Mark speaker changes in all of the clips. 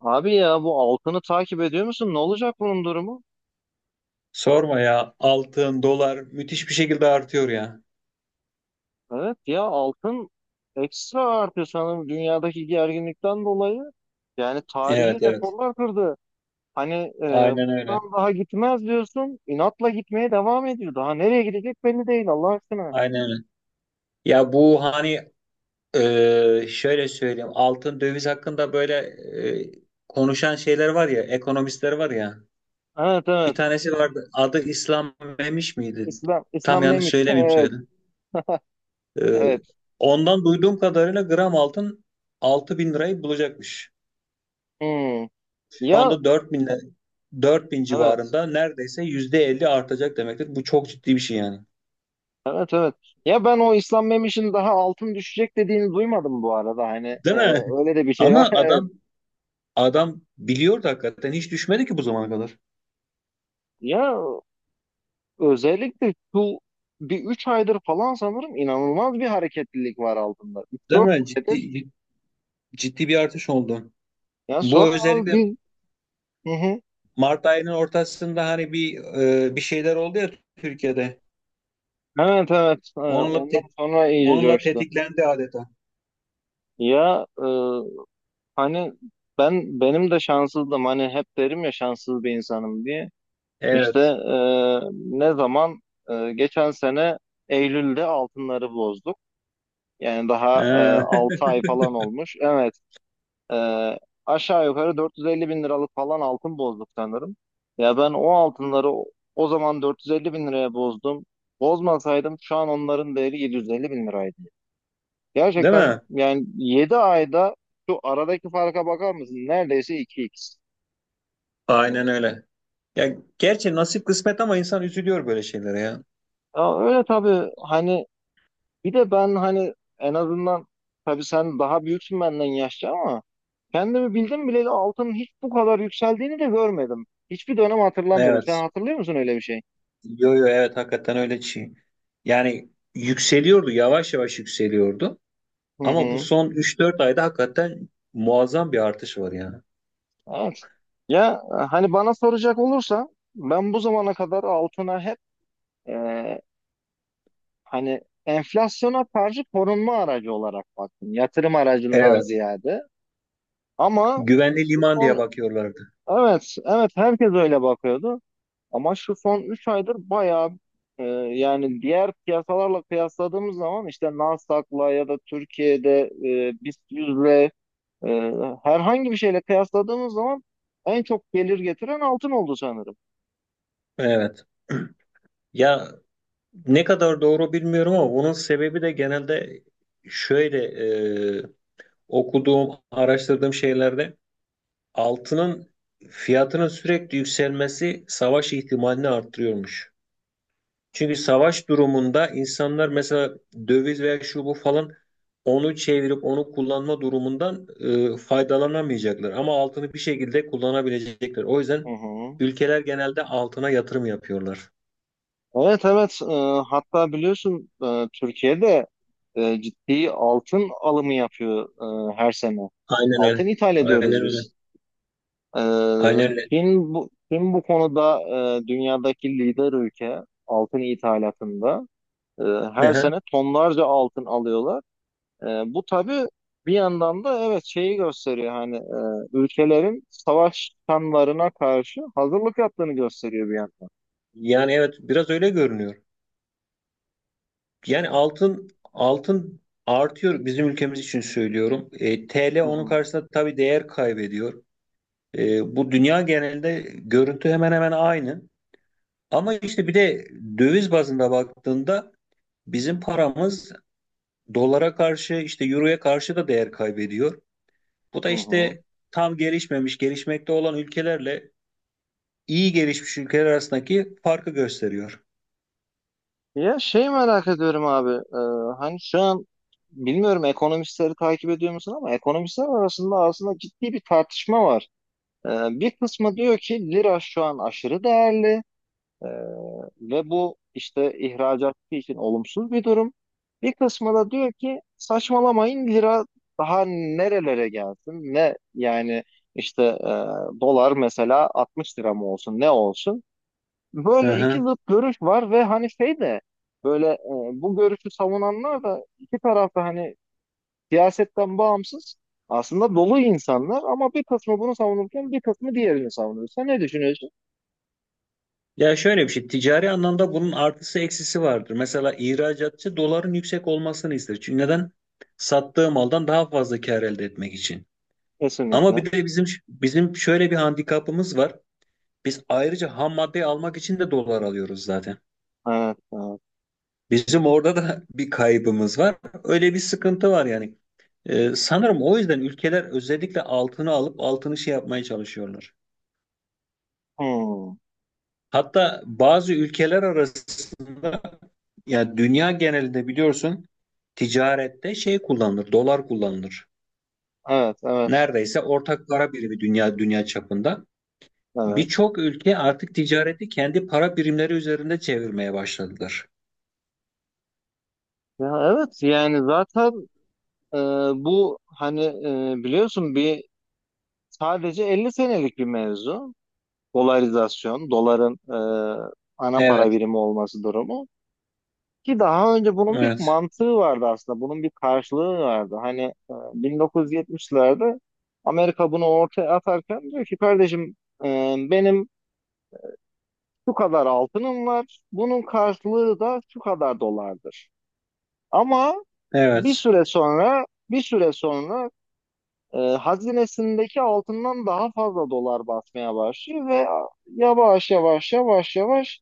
Speaker 1: Abi ya bu altını takip ediyor musun? Ne olacak bunun durumu?
Speaker 2: Sorma ya. Altın, dolar müthiş bir şekilde artıyor ya.
Speaker 1: Evet ya altın ekstra artıyor sanırım dünyadaki gerginlikten dolayı. Yani tarihi
Speaker 2: Evet evet.
Speaker 1: rekorlar kırdı. Hani e,
Speaker 2: Aynen öyle.
Speaker 1: buradan daha gitmez diyorsun. İnatla gitmeye devam ediyor. Daha nereye gidecek belli değil Allah aşkına.
Speaker 2: Aynen öyle. Ya bu hani şöyle söyleyeyim. Altın döviz hakkında böyle e, konuşan şeyler var ya. Ekonomistler var ya.
Speaker 1: Evet,
Speaker 2: Bir
Speaker 1: evet.
Speaker 2: tanesi vardı. Adı İslam Memiş miydi?
Speaker 1: İslam
Speaker 2: Tam
Speaker 1: İslam
Speaker 2: yanlış
Speaker 1: neymiş?
Speaker 2: söylemeyeyim
Speaker 1: Evet,
Speaker 2: söyledim. E,
Speaker 1: evet.
Speaker 2: ondan duyduğum kadarıyla gram altın 6.000 lirayı bulacakmış.
Speaker 1: Hmm.
Speaker 2: Şu
Speaker 1: Ya,
Speaker 2: anda 4.000 4.000
Speaker 1: evet.
Speaker 2: civarında neredeyse %50 artacak demektir. Bu çok ciddi bir şey yani.
Speaker 1: Evet, evet. Ya ben o İslam Memiş'in daha altın düşecek dediğini duymadım bu arada. Hani
Speaker 2: Değil mi?
Speaker 1: öyle de bir şey var.
Speaker 2: Ama
Speaker 1: Evet.
Speaker 2: adam biliyordu hakikaten hiç düşmedi ki bu zamana kadar.
Speaker 1: Ya özellikle şu bir 3 aydır falan sanırım inanılmaz bir hareketlilik var altında. üç
Speaker 2: Değil
Speaker 1: dört
Speaker 2: mi?
Speaker 1: aydır.
Speaker 2: Ciddi ciddi bir artış oldu.
Speaker 1: Ya
Speaker 2: Bu
Speaker 1: sonra abi
Speaker 2: özellikle
Speaker 1: biz. Hı hı.
Speaker 2: Mart ayının ortasında hani bir şeyler oldu ya Türkiye'de.
Speaker 1: Evet, evet.
Speaker 2: Onunla
Speaker 1: Ondan
Speaker 2: te-
Speaker 1: sonra iyice
Speaker 2: onunla
Speaker 1: coştu.
Speaker 2: tetiklendi adeta.
Speaker 1: Ya hani benim de şanssızdım. Hani hep derim ya şanssız bir insanım diye. İşte
Speaker 2: Evet.
Speaker 1: ne zaman geçen sene Eylül'de altınları bozduk. Yani daha
Speaker 2: Ee,
Speaker 1: 6 ay falan olmuş. Evet. Ee, Aşağı yukarı 450 bin liralık falan altın bozduk sanırım. Ya ben o altınları o zaman 450 bin liraya bozdum. Bozmasaydım şu an onların değeri 750 bin liraydı.
Speaker 2: değil
Speaker 1: Gerçekten
Speaker 2: mi?
Speaker 1: yani 7 ayda şu aradaki farka bakar mısın? Neredeyse iki x.
Speaker 2: Aynen öyle. Ya gerçi nasip kısmet ama insan üzülüyor böyle şeylere ya.
Speaker 1: Ya öyle tabii hani bir de ben hani en azından tabii sen daha büyüksün benden yaşça ama kendimi bildim bileli altının hiç bu kadar yükseldiğini de görmedim. Hiçbir dönem hatırlamıyorum. Sen
Speaker 2: Evet.
Speaker 1: hatırlıyor musun öyle bir şey?
Speaker 2: Yo yo evet hakikaten öyle şey. Yani yükseliyordu, yavaş yavaş yükseliyordu.
Speaker 1: Hı
Speaker 2: Ama bu
Speaker 1: hı.
Speaker 2: son üç dört ayda hakikaten muazzam bir artış var yani.
Speaker 1: Evet. Ya hani bana soracak olursa ben bu zamana kadar altına hep e, hani enflasyona karşı korunma aracı olarak baktım. Yatırım aracından
Speaker 2: Evet.
Speaker 1: ziyade. Ama
Speaker 2: Güvenli
Speaker 1: şu
Speaker 2: liman diye
Speaker 1: son.
Speaker 2: bakıyorlardı.
Speaker 1: Evet, evet. Herkes öyle bakıyordu. Ama şu son 3 aydır bayağı yani diğer piyasalarla kıyasladığımız zaman işte Nasdaq'la ya da Türkiye'de BIST 100'le e, herhangi bir şeyle kıyasladığımız zaman en çok gelir getiren altın oldu sanırım.
Speaker 2: Evet. Ya ne kadar doğru bilmiyorum ama bunun sebebi de genelde şöyle e, okuduğum, araştırdığım şeylerde altının fiyatının sürekli yükselmesi savaş ihtimalini arttırıyormuş. Çünkü savaş durumunda insanlar mesela döviz veya şu bu falan onu çevirip onu kullanma durumundan faydalanamayacaklar. Ama altını bir şekilde kullanabilecekler. O
Speaker 1: Hı
Speaker 2: yüzden
Speaker 1: hı.
Speaker 2: ülkeler genelde altına yatırım yapıyorlar.
Speaker 1: Evet, evet. Hatta biliyorsun Türkiye'de ciddi altın alımı yapıyor her sene.
Speaker 2: Aynen
Speaker 1: Altın
Speaker 2: öyle.
Speaker 1: ithal
Speaker 2: Aynen
Speaker 1: ediyoruz
Speaker 2: öyle.
Speaker 1: biz. E,
Speaker 2: Aynen öyle.
Speaker 1: Çin bu konuda dünyadaki lider ülke altın ithalatında. E,
Speaker 2: Hı
Speaker 1: Her
Speaker 2: hı.
Speaker 1: sene tonlarca altın alıyorlar. E, Bu tabii bir yandan da evet şeyi gösteriyor hani ülkelerin savaş kanlarına karşı hazırlık yaptığını gösteriyor bir yandan.
Speaker 2: Yani evet biraz öyle görünüyor. Yani altın artıyor bizim ülkemiz için söylüyorum. TL
Speaker 1: Hı
Speaker 2: onun
Speaker 1: hı.
Speaker 2: karşısında tabii değer kaybediyor. Bu dünya genelinde görüntü hemen hemen aynı. Ama işte bir de döviz bazında baktığında bizim paramız dolara karşı işte euroya karşı da değer kaybediyor. Bu da
Speaker 1: Hı hı.
Speaker 2: işte tam gelişmemiş, gelişmekte olan ülkelerle iyi gelişmiş ülkeler arasındaki farkı gösteriyor.
Speaker 1: Ya şey merak ediyorum abi. Hani şu an bilmiyorum ekonomistleri takip ediyor musun ama ekonomistler arasında aslında ciddi bir tartışma var. E, Bir kısmı diyor ki lira şu an aşırı değerli e, ve bu işte ihracatçı için olumsuz bir durum. Bir kısmı da diyor ki saçmalamayın lira daha nerelere gelsin ne yani işte dolar mesela 60 lira mı olsun ne olsun.
Speaker 2: Hı
Speaker 1: Böyle iki
Speaker 2: hı.
Speaker 1: zıt görüş var ve hani şey de böyle bu görüşü savunanlar da iki tarafta hani siyasetten bağımsız aslında dolu insanlar ama bir kısmı bunu savunurken bir kısmı diğerini savunuyor. Sen ne düşünüyorsun?
Speaker 2: Ya şöyle bir şey, ticari anlamda bunun artısı eksisi vardır. Mesela ihracatçı doların yüksek olmasını ister. Çünkü neden? Sattığı maldan daha fazla kar elde etmek için. Ama
Speaker 1: Kesinlikle.
Speaker 2: bir de bizim şöyle bir handikapımız var. Biz ayrıca ham madde almak için de dolar alıyoruz zaten.
Speaker 1: Evet, evet.
Speaker 2: Bizim orada da bir kaybımız var. Öyle bir sıkıntı var yani. Sanırım o yüzden ülkeler özellikle altını alıp altını şey yapmaya çalışıyorlar.
Speaker 1: Hmm.
Speaker 2: Hatta bazı ülkeler arasında ya dünya genelinde biliyorsun ticarette şey kullanılır, dolar kullanılır.
Speaker 1: Evet, evet,
Speaker 2: Neredeyse ortak para birimi dünya çapında.
Speaker 1: evet.
Speaker 2: Birçok ülke artık ticareti kendi para birimleri üzerinde çevirmeye başladılar.
Speaker 1: Ya evet yani zaten e, bu hani biliyorsun bir sadece 50 senelik bir mevzu. Dolarizasyon, doların ana para
Speaker 2: Evet,
Speaker 1: birimi olması durumu. Ki daha önce bunun bir
Speaker 2: evet,
Speaker 1: mantığı vardı aslında. Bunun bir karşılığı vardı. Hani 1970'lerde Amerika bunu ortaya atarken diyor ki kardeşim benim şu kadar altınım var. Bunun karşılığı da şu kadar dolardır. Ama bir
Speaker 2: evet.
Speaker 1: süre sonra bir süre sonra hazinesindeki altından daha fazla dolar basmaya başlıyor ve yavaş yavaş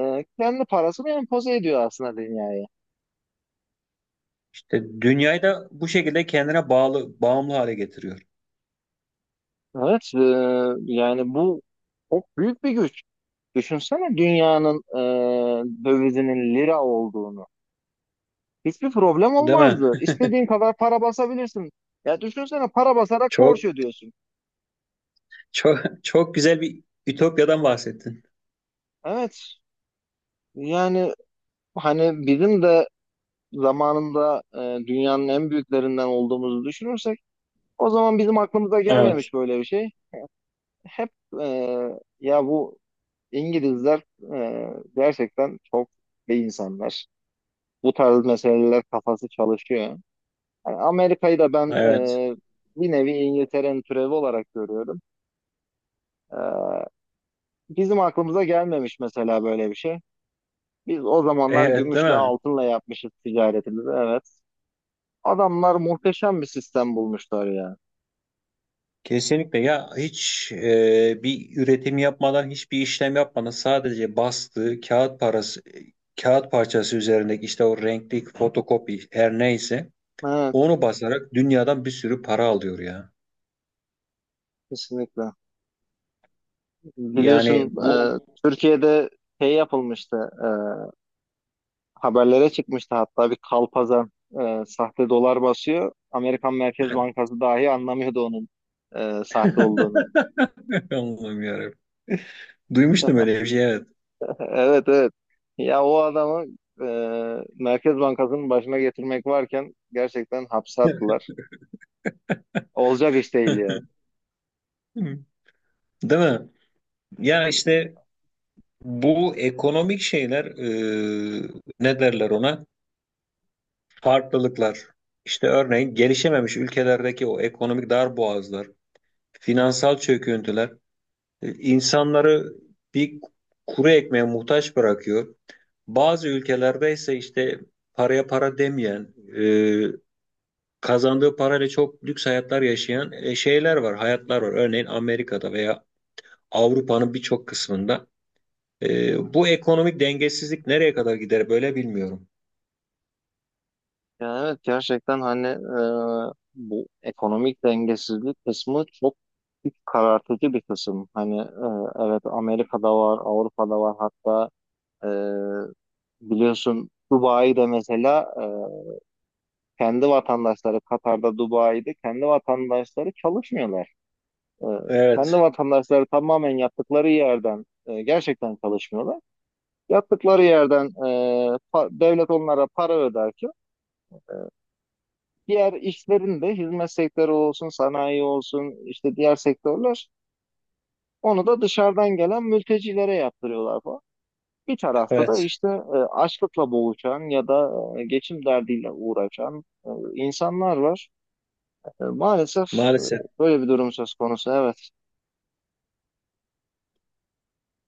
Speaker 1: kendi parasını empoze ediyor aslında dünya.
Speaker 2: İşte dünyayı da bu şekilde kendine bağlı, bağımlı hale getiriyor.
Speaker 1: Evet, yani bu çok büyük bir güç. Düşünsene dünyanın dövizinin lira olduğunu. Hiçbir problem
Speaker 2: Değil mi?
Speaker 1: olmazdı. İstediğin kadar para basabilirsin. Ya düşünsene para basarak
Speaker 2: Çok,
Speaker 1: borç ödüyorsun.
Speaker 2: çok, çok güzel bir ütopyadan bahsettin.
Speaker 1: Evet, yani hani bizim de zamanında dünyanın en büyüklerinden olduğumuzu düşünürsek o zaman bizim aklımıza
Speaker 2: Evet,
Speaker 1: gelmemiş böyle bir şey. Hep e, ya bu İngilizler e, gerçekten çok iyi insanlar. Bu tarz meseleler kafası çalışıyor. Yani Amerika'yı da ben
Speaker 2: evet,
Speaker 1: bir nevi İngiltere'nin türevi olarak görüyorum. E, Bizim aklımıza gelmemiş mesela böyle bir şey. Biz o zamanlar
Speaker 2: evet, değil
Speaker 1: gümüşle
Speaker 2: mi?
Speaker 1: altınla yapmışız ticaretimizi, evet. Adamlar muhteşem bir sistem bulmuşlar ya.
Speaker 2: Kesinlikle ya hiç bir üretim yapmadan hiçbir işlem yapmadan sadece bastığı kağıt parası kağıt parçası üzerindeki işte o renkli fotokopi her neyse
Speaker 1: Evet,
Speaker 2: onu basarak dünyadan bir sürü para alıyor ya.
Speaker 1: kesinlikle.
Speaker 2: Yani
Speaker 1: Biliyorsun
Speaker 2: bu
Speaker 1: Türkiye'de şey yapılmıştı, haberlere çıkmıştı hatta bir kalpazan sahte dolar basıyor. Amerikan Merkez Bankası dahi anlamıyordu onun sahte olduğunu.
Speaker 2: Allah'ım yarabbim. Duymuştum öyle bir şey evet.
Speaker 1: Evet, evet. Ya o adamı e, Merkez Bankası'nın başına getirmek varken gerçekten hapse attılar. Olacak iş değil ya.
Speaker 2: Hı. Değil mi? Ya işte bu ekonomik şeyler ne derler ona? Farklılıklar. İşte örneğin gelişememiş ülkelerdeki o ekonomik darboğazlar, finansal çöküntüler insanları bir kuru ekmeğe muhtaç bırakıyor. Bazı ülkelerde ise işte paraya para demeyen, kazandığı parayla çok lüks hayatlar yaşayan şeyler var, hayatlar var. Örneğin Amerika'da veya Avrupa'nın birçok kısmında. Bu ekonomik dengesizlik nereye kadar gider böyle bilmiyorum.
Speaker 1: Ya evet gerçekten hani bu ekonomik dengesizlik kısmı çok iç karartıcı bir kısım. Hani evet Amerika'da var, Avrupa'da var hatta e, biliyorsun Dubai'de mesela kendi vatandaşları Katar'da, Dubai'de kendi vatandaşları çalışmıyorlar. E, Kendi
Speaker 2: Evet,
Speaker 1: vatandaşları tamamen yaptıkları yerden gerçekten çalışmıyorlar. Yaptıkları yerden devlet onlara para öderken diğer işlerin de hizmet sektörü olsun, sanayi olsun, işte diğer sektörler onu da dışarıdan gelen mültecilere yaptırıyorlar falan. Bir tarafta da
Speaker 2: evet.
Speaker 1: işte açlıkla boğuşan ya da geçim derdiyle uğraşan insanlar var. Maalesef e,
Speaker 2: Maalesef.
Speaker 1: böyle bir durum söz konusu, evet.